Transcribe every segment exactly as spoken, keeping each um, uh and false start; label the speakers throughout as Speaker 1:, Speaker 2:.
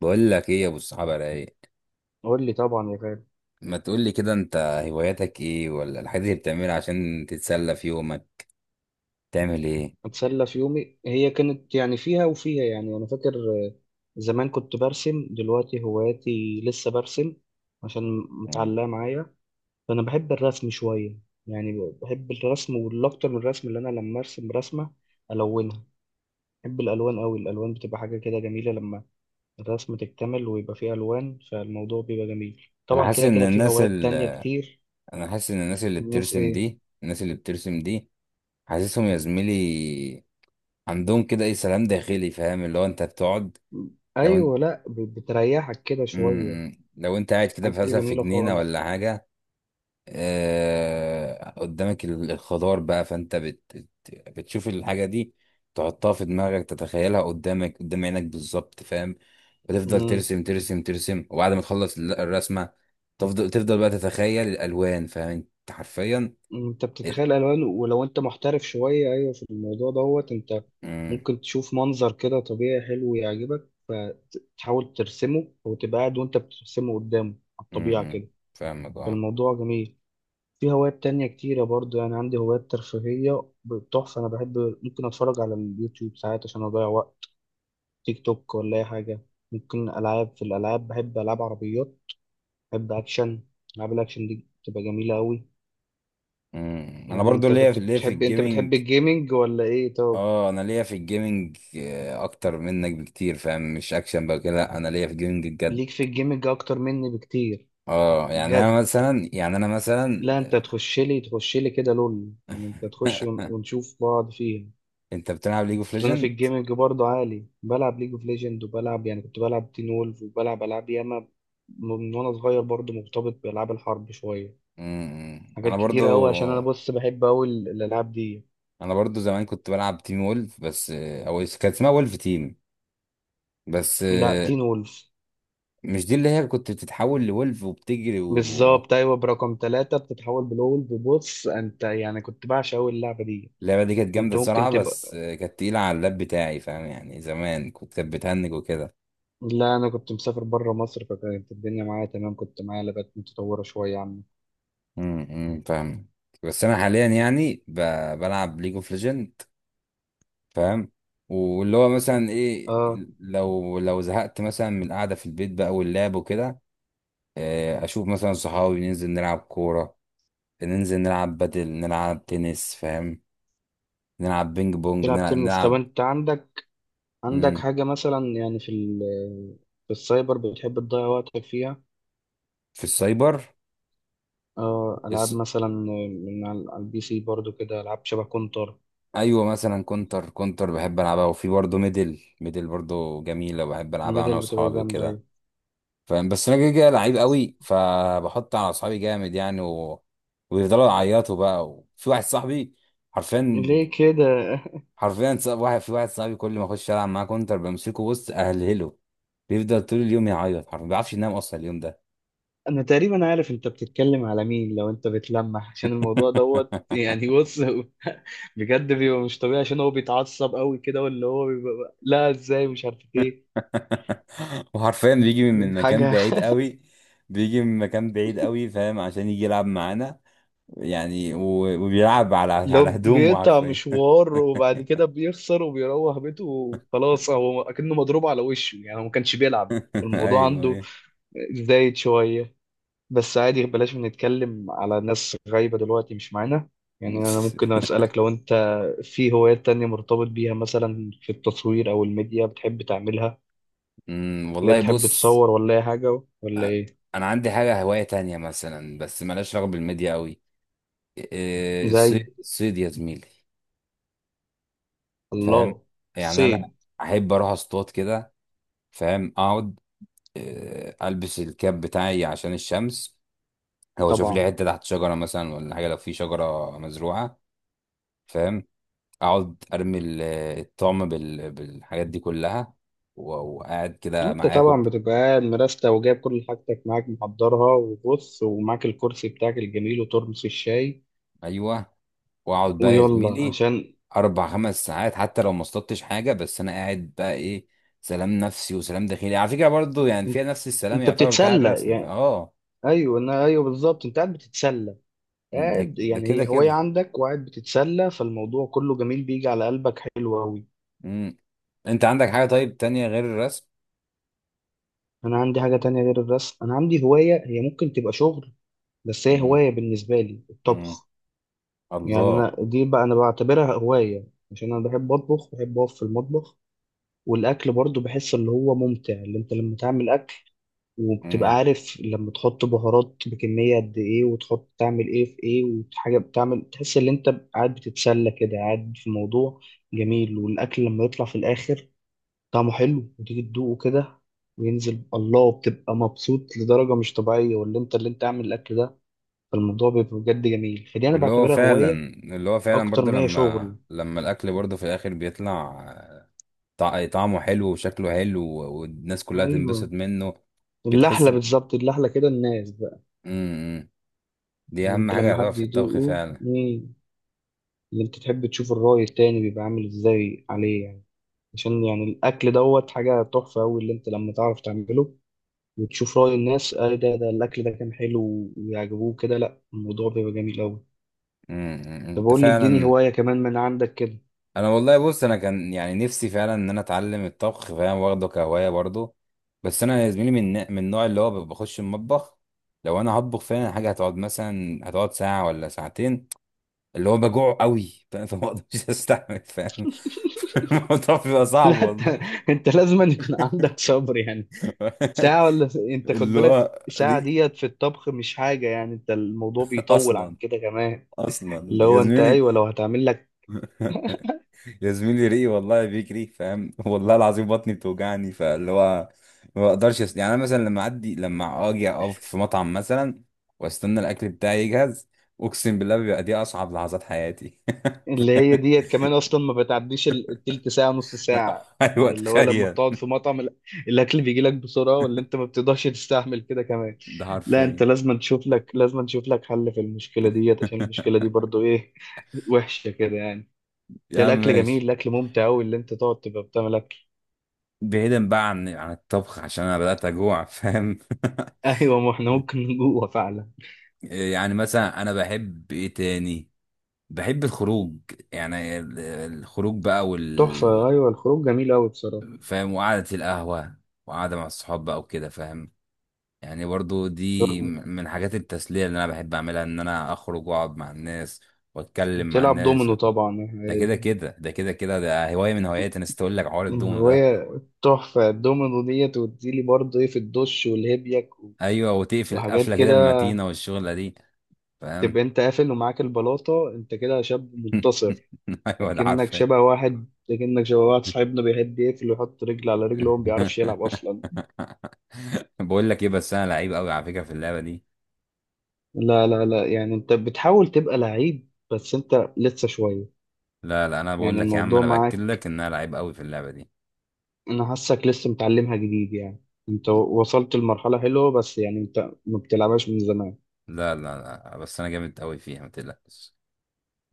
Speaker 1: بقول لك ايه يا ابو الصحابه، رايق؟
Speaker 2: قول لي طبعا يا غالي.
Speaker 1: ما تقول لي كده انت. هواياتك ايه، ولا الحاجات اللي بتعملها عشان تتسلى في يومك؟ تعمل ايه؟
Speaker 2: اتسلى في يومي، هي كانت يعني فيها وفيها. يعني انا فاكر، آه، زمان كنت برسم. دلوقتي هواياتي لسه برسم عشان
Speaker 1: مم.
Speaker 2: متعلقه معايا. فانا بحب الرسم شويه، يعني بحب الرسم، والاكتر من الرسم اللي انا لما ارسم رسمه الونها. بحب الالوان قوي، الالوان بتبقى حاجه كده جميله لما الرسم تكتمل ويبقى فيه الوان، فالموضوع بيبقى جميل.
Speaker 1: انا
Speaker 2: طبعا
Speaker 1: حاسس
Speaker 2: كده
Speaker 1: ان
Speaker 2: كده في
Speaker 1: الناس
Speaker 2: هوايات تانية
Speaker 1: اللي
Speaker 2: كتير.
Speaker 1: انا حاسس ان الناس اللي
Speaker 2: الناس
Speaker 1: بترسم
Speaker 2: ايه؟
Speaker 1: دي الناس اللي بترسم دي حاسسهم يا زميلي، عندهم كده ايه، سلام داخلي، فاهم اللي هو انت بتقعد. لو انت
Speaker 2: ايوه، لا ب- بتريحك كده شويه.
Speaker 1: مم، لو انت قاعد كده
Speaker 2: حاجة
Speaker 1: مثلا في
Speaker 2: جميلة
Speaker 1: جنينه
Speaker 2: خالص.
Speaker 1: ولا حاجه، آه، قدامك ال- الخضار بقى، فانت بت بت- بتشوف الحاجة دي، تحطها في دماغك، تتخيلها قدامك، قدام عينك بالظبط، فاهم؟ وتفضل
Speaker 2: مم.
Speaker 1: ترسم ترسم ترسم، وبعد ما تخلص ال- الرسمة، تفضل تفضل بقى تتخيل الألوان، فاهم انت حرفيا.
Speaker 2: انت
Speaker 1: ال-
Speaker 2: بتتخيل الوان، ولو انت محترف شوية ايوه في الموضوع دوت، انت
Speaker 1: مم،
Speaker 2: ممكن تشوف منظر كده طبيعي حلو يعجبك فتحاول ترسمه، او تبقى قاعد وانت بترسمه قدامه على
Speaker 1: مم،
Speaker 2: الطبيعة
Speaker 1: مم.
Speaker 2: كده.
Speaker 1: فاهمك، اه.
Speaker 2: فالموضوع جميل. في هوايات تانية كتيرة برضو، يعني عندي هوايات ترفيهية تحفة. أنا بحب ممكن أتفرج على اليوتيوب ساعات عشان أضيع وقت، تيك توك ولا أي حاجة. ممكن ألعاب، في الألعاب بحب ألعاب عربيات، بحب أكشن. ألعاب الأكشن دي بتبقى جميلة أوي.
Speaker 1: مم. انا
Speaker 2: يعني
Speaker 1: برضو
Speaker 2: انت
Speaker 1: ليا
Speaker 2: كنت
Speaker 1: في ليا في
Speaker 2: بتحب، انت بتحب
Speaker 1: الجيمنج.
Speaker 2: الجيمنج ولا ايه؟ طب
Speaker 1: اه انا ليا في الجيمنج، آه، اكتر منك بكتير، فاهم؟ مش اكشن بقى كده، لا، انا ليا في الجيمنج بجد.
Speaker 2: ليك في الجيمنج اكتر مني بكتير؟
Speaker 1: اه يعني انا
Speaker 2: بجد؟
Speaker 1: مثلا يعني انا مثلا
Speaker 2: لا انت تخش لي تخش لي كده لول، يعني انت تخش ون- ونشوف بعض فيها.
Speaker 1: انت بتلعب ليج اوف
Speaker 2: اصل انا في
Speaker 1: ليجند؟
Speaker 2: الجيمنج برضه عالي، بلعب ليج اوف ليجند، وبلعب يعني كنت بلعب تين وولف، وبلعب العاب ياما م- من وانا صغير. برضه مرتبط بالعاب الحرب شويه، حاجات
Speaker 1: انا
Speaker 2: كتيره قوي، عشان انا
Speaker 1: برضو
Speaker 2: بص بحب قوي الالعاب دي.
Speaker 1: انا برضو زمان كنت بلعب تيم وولف، بس او كان اسمها وولف تيم بس.
Speaker 2: لا تين وولف.
Speaker 1: مش دي اللي هي كنت بتتحول لولف وبتجري و...
Speaker 2: بالظبط، ايوه برقم ثلاثة بتتحول بلول. ببص انت، يعني كنت بعشق قوي اللعبه دي.
Speaker 1: اللعبة دي كانت جامدة
Speaker 2: انت ممكن
Speaker 1: الصراحة،
Speaker 2: تبقى،
Speaker 1: بس كانت تقيلة على اللاب بتاعي، فاهم؟ يعني زمان كنت كانت بتهنج وكده.
Speaker 2: لا انا كنت مسافر بره مصر، فكانت الدنيا معايا تمام، كنت معايا لغات متطوره شويه عنه.
Speaker 1: امم فاهم. بس انا حاليا يعني ب... بلعب ليج اوف ليجند، فاهم؟ واللي هو مثلا ايه،
Speaker 2: اه.
Speaker 1: لو لو زهقت مثلا من القعده في البيت بقى واللعب وكده، آه، اشوف مثلا صحابي، ننزل نلعب كوره، ننزل نلعب بدل نلعب تنس، فاهم؟ نلعب بينج بونج،
Speaker 2: تلعب
Speaker 1: نلعب,
Speaker 2: تنس؟ طب
Speaker 1: نلعب
Speaker 2: انت عندك، عندك
Speaker 1: مم،
Speaker 2: حاجه مثلا يعني في ال... في السايبر بتحب تضيع وقتك فيها؟
Speaker 1: في السايبر.
Speaker 2: اه، العاب
Speaker 1: الس...
Speaker 2: مثلا من على على البي سي برضو كده، العاب شبه كونتر.
Speaker 1: ايوه، مثلا كونتر كونتر بحب العبها، وفي برضه ميدل ميدل برضه جميله، بحب العبها انا
Speaker 2: الميدل بتبقى
Speaker 1: واصحابي
Speaker 2: جامده
Speaker 1: وكده،
Speaker 2: أوي.
Speaker 1: فاهم؟ بس انا كده كده لعيب قوي، فبحط على اصحابي جامد يعني و... ويفضلوا يعيطوا بقى، وفي واحد صاحبي حرفيا،
Speaker 2: ليه كده؟
Speaker 1: حرفيا صاحب واحد، في واحد صاحبي كل ما اخش العب معاه كونتر بمسكه، بص اهلهله، بيفضل طول اليوم يعيط حرفيا، ما بيعرفش ينام اصلا اليوم ده.
Speaker 2: انا تقريبا عارف انت بتتكلم على مين لو انت بتلمح، عشان الموضوع دوت يعني، بص بجد بيبقى مش طبيعي، عشان هو بيتعصب قوي كده، واللي هو بيبقى لا ازاي، مش عارف ايه
Speaker 1: وحرفيا بيجي من من مكان
Speaker 2: حاجة
Speaker 1: بعيد قوي، بيجي من مكان بعيد قوي، فاهم، عشان يجي يلعب معانا. يعني و... وبيلعب على
Speaker 2: لو
Speaker 1: على هدومه
Speaker 2: بيقطع
Speaker 1: حرفيا.
Speaker 2: مشوار وبعد كده بيخسر وبيروح بيته وخلاص، هو اكنه مضروب على وشه، يعني هو ما كانش بيلعب. الموضوع
Speaker 1: ايوه،
Speaker 2: عنده
Speaker 1: ايوه.
Speaker 2: زايد شوية. بس عادي، بلاش نتكلم على ناس غايبة دلوقتي مش معانا. يعني أنا ممكن أسألك، لو أنت في هوايات تانية مرتبط بيها، مثلا في التصوير أو الميديا بتحب تعملها؟
Speaker 1: امم
Speaker 2: ولا
Speaker 1: والله
Speaker 2: بتحب
Speaker 1: بص.
Speaker 2: تصور ولا أي حاجة ولا
Speaker 1: أ-
Speaker 2: إيه؟
Speaker 1: انا عندي حاجه هوايه تانية مثلا، بس مالهاش علاقه بالميديا قوي. إيه،
Speaker 2: زي،
Speaker 1: الصيد، الصيد يا زميلي، فاهم؟
Speaker 2: الله،
Speaker 1: يعني انا
Speaker 2: صيد.
Speaker 1: احب اروح اصطاد كده، فاهم، اقعد، إيه، البس الكاب بتاعي عشان الشمس، او اشوف لي
Speaker 2: طبعا.
Speaker 1: حته تحت شجره مثلا ولا حاجه، لو في شجره مزروعه، فاهم، اقعد ارمي ال- الطعم بال- بالحاجات دي كلها، و- وقاعد كده
Speaker 2: أنت
Speaker 1: معايا
Speaker 2: طبعا
Speaker 1: كوب.
Speaker 2: بتبقى قاعد مرستة وجايب كل حاجتك معاك محضرها، وبص ومعاك الكرسي بتاعك الجميل وترمس الشاي.
Speaker 1: ايوه، واقعد بقى يا
Speaker 2: ويلا
Speaker 1: زميلي
Speaker 2: عشان،
Speaker 1: اربع خمس ساعات، حتى لو ما اصطدتش حاجه، بس انا قاعد بقى ايه، سلام نفسي وسلام داخلي، على فكره برضو يعني
Speaker 2: أنت،
Speaker 1: فيها نفس السلام
Speaker 2: أنت
Speaker 1: يعتبر بتاع
Speaker 2: بتتسلى
Speaker 1: الرسم،
Speaker 2: يعني.
Speaker 1: اه.
Speaker 2: أيوه، أنا أيوه بالظبط، أنت قاعد بتتسلى.
Speaker 1: ده
Speaker 2: قاعد
Speaker 1: ده
Speaker 2: يعني
Speaker 1: كده
Speaker 2: هي هواية
Speaker 1: كده.
Speaker 2: عندك، وقاعد بتتسلى، فالموضوع كله جميل بيجي على قلبك حلو أوي.
Speaker 1: امم انت عندك حاجه طيب تانية غير الرسم؟
Speaker 2: أنا عندي حاجة تانية غير الرسم. أنا عندي هواية هي ممكن تبقى شغل، بس هي
Speaker 1: امم.
Speaker 2: هواية بالنسبة لي،
Speaker 1: امم.
Speaker 2: الطبخ. يعني
Speaker 1: الله.
Speaker 2: أنا دي بقى أنا بعتبرها هواية، عشان أنا بحب أطبخ، بحب أقف في المطبخ. والأكل برضو بحس اللي هو ممتع، اللي أنت لما تعمل وبتبقى
Speaker 1: امم.
Speaker 2: عارف لما تحط بهارات بكمية قد إيه، وتحط تعمل إيه في إيه، وحاجة بتعمل، تحس إن أنت قاعد بتتسلى كده، قاعد في موضوع جميل. والأكل لما يطلع في الآخر طعمه حلو وتيجي تدوقه كده وينزل، الله بتبقى مبسوط لدرجة مش طبيعية، واللي أنت، اللي أنت عامل الأكل ده. فالموضوع بيبقى بجد جميل، فدي أنا
Speaker 1: واللي هو
Speaker 2: بعتبرها
Speaker 1: فعلا
Speaker 2: هواية
Speaker 1: اللي هو فعلا
Speaker 2: أكتر
Speaker 1: برضو
Speaker 2: ما هي
Speaker 1: لما
Speaker 2: شغل.
Speaker 1: لما الاكل برضو في الاخر بيطلع، طع- طعمه حلو وشكله حلو، والناس كلها تنبسط
Speaker 2: أيوه،
Speaker 1: منه، بتحس.
Speaker 2: اللحلة بالظبط، اللحلة كده الناس بقى.
Speaker 1: امم دي
Speaker 2: اللي
Speaker 1: اهم
Speaker 2: أنت
Speaker 1: حاجه
Speaker 2: لما
Speaker 1: يعتبر
Speaker 2: حد
Speaker 1: في الطبخ
Speaker 2: يدوقه.
Speaker 1: فعلا.
Speaker 2: مم. اللي انت تحب تشوف الرأي التاني بيبقى عامل ازاي عليه، يعني عشان يعني الأكل دوت حاجة تحفة أوي اللي انت لما تعرف تعمله، وتشوف رأي الناس، اه ده ده الأكل ده كان حلو ويعجبوه كده، لا الموضوع بيبقى جميل أوي.
Speaker 1: امم امم، امم.
Speaker 2: طب
Speaker 1: انت
Speaker 2: قول لي اديني
Speaker 1: فعلا.
Speaker 2: هواية كمان من عندك كده
Speaker 1: انا والله بص، انا كان يعني نفسي فعلا ان انا اتعلم الطبخ، فاهم، واخده كهوايه برضه. بس انا يا زميلي من من النوع اللي هو بخش المطبخ. لو انا هطبخ فعلا حاجه هتقعد مثلا هتقعد ساعه ولا ساعتين، اللي هو بجوع قوي. فاهم، فما اقدرش استحمل، فاهم، الموضوع بيبقى صعب
Speaker 2: لا انت
Speaker 1: والله.
Speaker 2: انت لازم أن يكون عندك صبر يعني. ساعة ولا س- انت خد
Speaker 1: اللي
Speaker 2: بالك
Speaker 1: هو
Speaker 2: ساعة
Speaker 1: ري...
Speaker 2: ديت في الطبخ مش حاجة، يعني انت الموضوع بيطول عن
Speaker 1: اصلا،
Speaker 2: كده كمان. اللي
Speaker 1: اصلا يا
Speaker 2: هو انت،
Speaker 1: زميلي.
Speaker 2: ايوه لو هتعمل لك.
Speaker 1: يا زميلي، ريقي والله بيجري، فاهم. والله العظيم، بطني بتوجعني، فاللي هو ما بقدرش أس... يعني انا مثلا لما اعدي لما اجي اقف في مطعم مثلا واستنى الاكل بتاعي يجهز، اقسم بالله بيبقى دي اصعب لحظات حياتي.
Speaker 2: اللي هي ديت كمان اصلا ما بتعديش ال- التلت ساعه نص ساعه،
Speaker 1: ايوه،
Speaker 2: يعني اللي هو لما
Speaker 1: تخيل،
Speaker 2: بتقعد في مطعم ال- الاكل بيجي لك بسرعه، ولا انت ما بتقدرش تستحمل كده كمان؟
Speaker 1: ده
Speaker 2: لا انت
Speaker 1: حرفيا.
Speaker 2: لازم تشوف لك، لازم تشوف لك حل في المشكله ديت، عشان المشكله دي برضو ايه وحشه كده يعني.
Speaker 1: يا
Speaker 2: عشان
Speaker 1: عم
Speaker 2: الاكل جميل،
Speaker 1: ماشي.
Speaker 2: الاكل ممتع قوي اللي انت تقعد تبقى بتعمل اكل
Speaker 1: بعيدا بقى عن عن الطبخ، عشان انا بدأت اجوع، فاهم.
Speaker 2: ايوه ما احنا ممكن نجوع فعلا.
Speaker 1: يعني مثلا انا بحب ايه تاني؟ بحب الخروج، يعني ال- الخروج بقى،
Speaker 2: تحفه، ايوه الخروج جميل قوي بصراحه.
Speaker 1: فاهم، وقعدة القهوة، وقعدة مع الصحاب بقى وكده، فاهم. يعني برضو دي م- من حاجات التسلية اللي أنا بحب أعملها، إن أنا أخرج وأقعد مع الناس وأتكلم مع
Speaker 2: بتلعب
Speaker 1: الناس
Speaker 2: دومينو
Speaker 1: وت...
Speaker 2: طبعا.
Speaker 1: ده كده كده ده كده كده ده هواية من هواياتي، أنا نسيت أقول لك حوار الدومو ده.
Speaker 2: الرواية، تحفة الدومينو ديت، وتديلي برضه ايه في الدش والهبيك و-
Speaker 1: أيوة، وتقفل
Speaker 2: وحاجات
Speaker 1: قفلة كده
Speaker 2: كده.
Speaker 1: المتينة والشغلة دي، فاهم.
Speaker 2: تبقى انت قافل ومعاك البلاطة، انت كده شاب منتصر.
Speaker 1: أيوة، ده
Speaker 2: اكنك
Speaker 1: عارفة.
Speaker 2: شبه واحد اكنك شبه واحد صاحبنا بيحب يقفل ويحط رجل على رجل وهو ما بيعرفش يلعب اصلا.
Speaker 1: بقول لك إيه، بس أنا لعيب أوي على فكرة في اللعبة دي.
Speaker 2: لا لا لا، يعني انت بتحاول تبقى لعيب بس انت لسه شوية.
Speaker 1: لا، لا، أنا بقول
Speaker 2: يعني
Speaker 1: لك يا عم،
Speaker 2: الموضوع
Speaker 1: أنا بأكد
Speaker 2: معاك،
Speaker 1: لك إن أنا لعيب أوي في اللعبة دي.
Speaker 2: انا حاسك لسه متعلمها جديد يعني، انت وصلت لمرحلة حلوة، بس يعني انت ما بتلعبهاش من زمان.
Speaker 1: لا، لا، لا، بس انا جامد قوي فيها، ما تقلقش.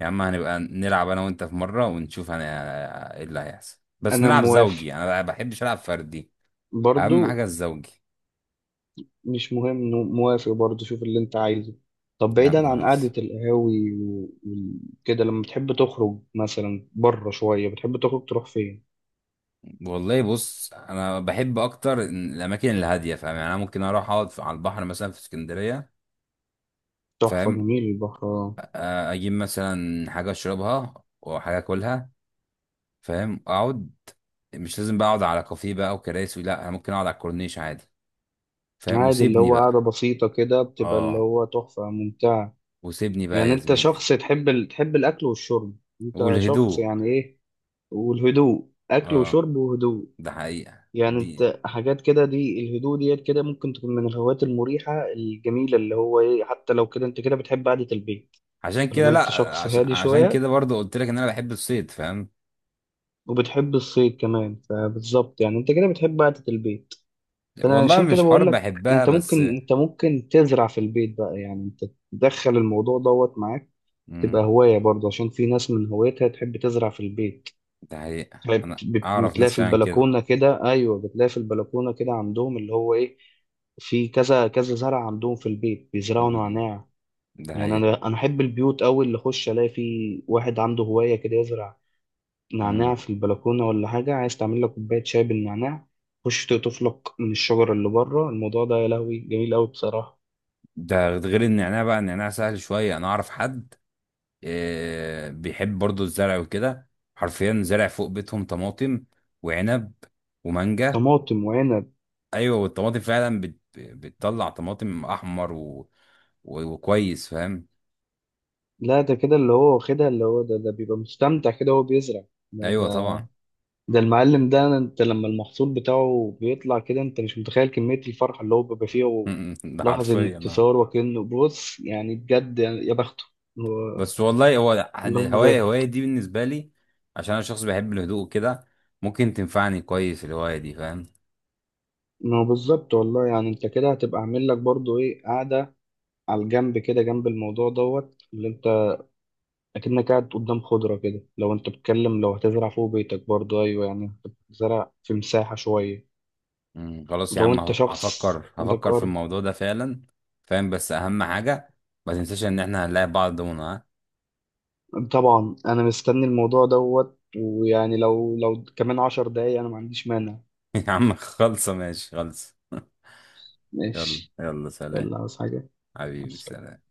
Speaker 1: يا عم هنبقى نلعب انا وانت في مره ونشوف انا ايه اللي هيحصل، بس
Speaker 2: انا
Speaker 1: نلعب
Speaker 2: موافق
Speaker 1: زوجي، انا ما بحبش العب فردي،
Speaker 2: برضو.
Speaker 1: اهم حاجه الزوجي.
Speaker 2: مش مهم، موافق برضه، شوف اللي انت عايزه. طب
Speaker 1: لا،
Speaker 2: بعيدا عن
Speaker 1: ما
Speaker 2: قعدة القهاوي و- وكده، لما بتحب تخرج مثلا بره شوية بتحب تخرج تروح فين؟
Speaker 1: والله بص، انا بحب اكتر الاماكن الهاديه، فاهم، يعني انا ممكن اروح اقعد في- على البحر مثلا في اسكندريه،
Speaker 2: تحفة،
Speaker 1: فاهم،
Speaker 2: جميل البحر، آه.
Speaker 1: آه، اجيب مثلا حاجه اشربها وحاجه اكلها، فاهم، اقعد، مش لازم بقى اقعد على كافيه بقى وكراسي، لا، انا ممكن اقعد على الكورنيش عادي، فاهم،
Speaker 2: عادي، اللي
Speaker 1: وسيبني
Speaker 2: هو قعدة
Speaker 1: بقى
Speaker 2: بسيطة كده بتبقى اللي
Speaker 1: اه
Speaker 2: هو تحفة ممتعة.
Speaker 1: وسيبني بقى
Speaker 2: يعني
Speaker 1: يا
Speaker 2: انت
Speaker 1: زميلي.
Speaker 2: شخص تحب ال... تحب الأكل والشرب، انت شخص
Speaker 1: والهدوء،
Speaker 2: يعني ايه. والهدوء، أكل
Speaker 1: اه،
Speaker 2: وشرب وهدوء.
Speaker 1: ده حقيقة
Speaker 2: يعني
Speaker 1: دي.
Speaker 2: انت حاجات كده دي الهدوء ديت كده ممكن تكون من الهوايات المريحة الجميلة اللي هو ايه، حتى لو كده انت كده بتحب قعدة البيت.
Speaker 1: عشان كده،
Speaker 2: طالما انت
Speaker 1: لا،
Speaker 2: شخص
Speaker 1: عشان
Speaker 2: هادي
Speaker 1: عشان
Speaker 2: شوية
Speaker 1: كده برضه قلت لك ان انا بحب الصيد، فاهم.
Speaker 2: وبتحب الصيد كمان، فبالظبط يعني انت كده بتحب قعدة البيت. فانا
Speaker 1: والله
Speaker 2: عشان كده
Speaker 1: مش
Speaker 2: بقول
Speaker 1: حرب،
Speaker 2: لك،
Speaker 1: بحبها
Speaker 2: انت ممكن
Speaker 1: بس.
Speaker 2: انت ممكن تزرع في البيت بقى، يعني انت تدخل الموضوع دوت معاك، تبقى
Speaker 1: امم
Speaker 2: هواية برضه، عشان في ناس من هوايتها تحب تزرع في البيت.
Speaker 1: ده حقيقة،
Speaker 2: بت-
Speaker 1: انا
Speaker 2: بت-
Speaker 1: اعرف
Speaker 2: بتلاقي
Speaker 1: ناس
Speaker 2: في
Speaker 1: فعلا كده.
Speaker 2: البلكونة كده، ايوه بتلاقي في البلكونة كده عندهم، اللي هو ايه، في كذا كذا زرع عندهم في البيت، بيزرعوا
Speaker 1: امم
Speaker 2: نعناع.
Speaker 1: ده
Speaker 2: يعني
Speaker 1: حقيقة.
Speaker 2: انا انا احب البيوت قوي اللي اخش الاقي فيه واحد عنده هواية كده، يزرع نعناع
Speaker 1: امم
Speaker 2: في البلكونة ولا حاجة، عايز تعمل لك كوباية شاي بالنعناع، خش تقطف لك من الشجرة اللي بره. الموضوع ده يا لهوي جميل أوي بصراحة.
Speaker 1: ده غير النعناع بقى، النعناع سهل شوية، انا اعرف حد، آه، بيحب برضه الزرع وكده، حرفيا زرع فوق بيتهم طماطم وعنب ومانجا.
Speaker 2: طماطم وعنب؟
Speaker 1: ايوه، والطماطم فعلا بت... بتطلع طماطم احمر و... و... وكويس، فاهم.
Speaker 2: لا ده كده اللي هو واخدها، اللي هو ده ده بيبقى مستمتع كده وهو بيزرع. ده ده
Speaker 1: ايوه طبعا.
Speaker 2: ده المعلم ده، انت لما المحصول بتاعه بيطلع كده انت مش متخيل كمية الفرحة اللي هو بيبقى فيها.
Speaker 1: ده
Speaker 2: لحظة
Speaker 1: حرفيا، نعم.
Speaker 2: انتصار، وكأنه بص يعني بجد يعني يا بخته. هو-
Speaker 1: بس والله هو يعني
Speaker 2: اللهم
Speaker 1: الهوايه الهوايه
Speaker 2: بارك.
Speaker 1: دي بالنسبه لي، عشان انا شخص بيحب الهدوء كده، ممكن تنفعني كويس الهوايه دي، فاهم.
Speaker 2: ما هو بالظبط والله، يعني انت كده هتبقى عامل لك برضو ايه قعدة على الجنب كده، جنب الموضوع دوت اللي انت اكنك قاعد قدام خضرة كده، لو انت بتتكلم لو هتزرع فوق بيتك برضه، ايوه يعني انت بتزرع في مساحة شوية
Speaker 1: مم، خلاص يا
Speaker 2: لو
Speaker 1: عم،
Speaker 2: انت
Speaker 1: ه-
Speaker 2: شخص
Speaker 1: هفكر
Speaker 2: عندك
Speaker 1: هفكر في
Speaker 2: ارض.
Speaker 1: الموضوع ده فعلا، فاهم، بس اهم حاجه ما تنساش ان احنا هنلاقي بعض دونا، ها.
Speaker 2: طبعا انا مستني الموضوع دوت، ويعني لو لو كمان عشر دقايق انا ما عنديش مانع.
Speaker 1: يا عم خلصه، ماشي، خلصه. يلا
Speaker 2: ماشي.
Speaker 1: يلا، سلام.
Speaker 2: ولا عاوز حاجة؟ مع
Speaker 1: حبيبي،
Speaker 2: السلامة.
Speaker 1: سلام.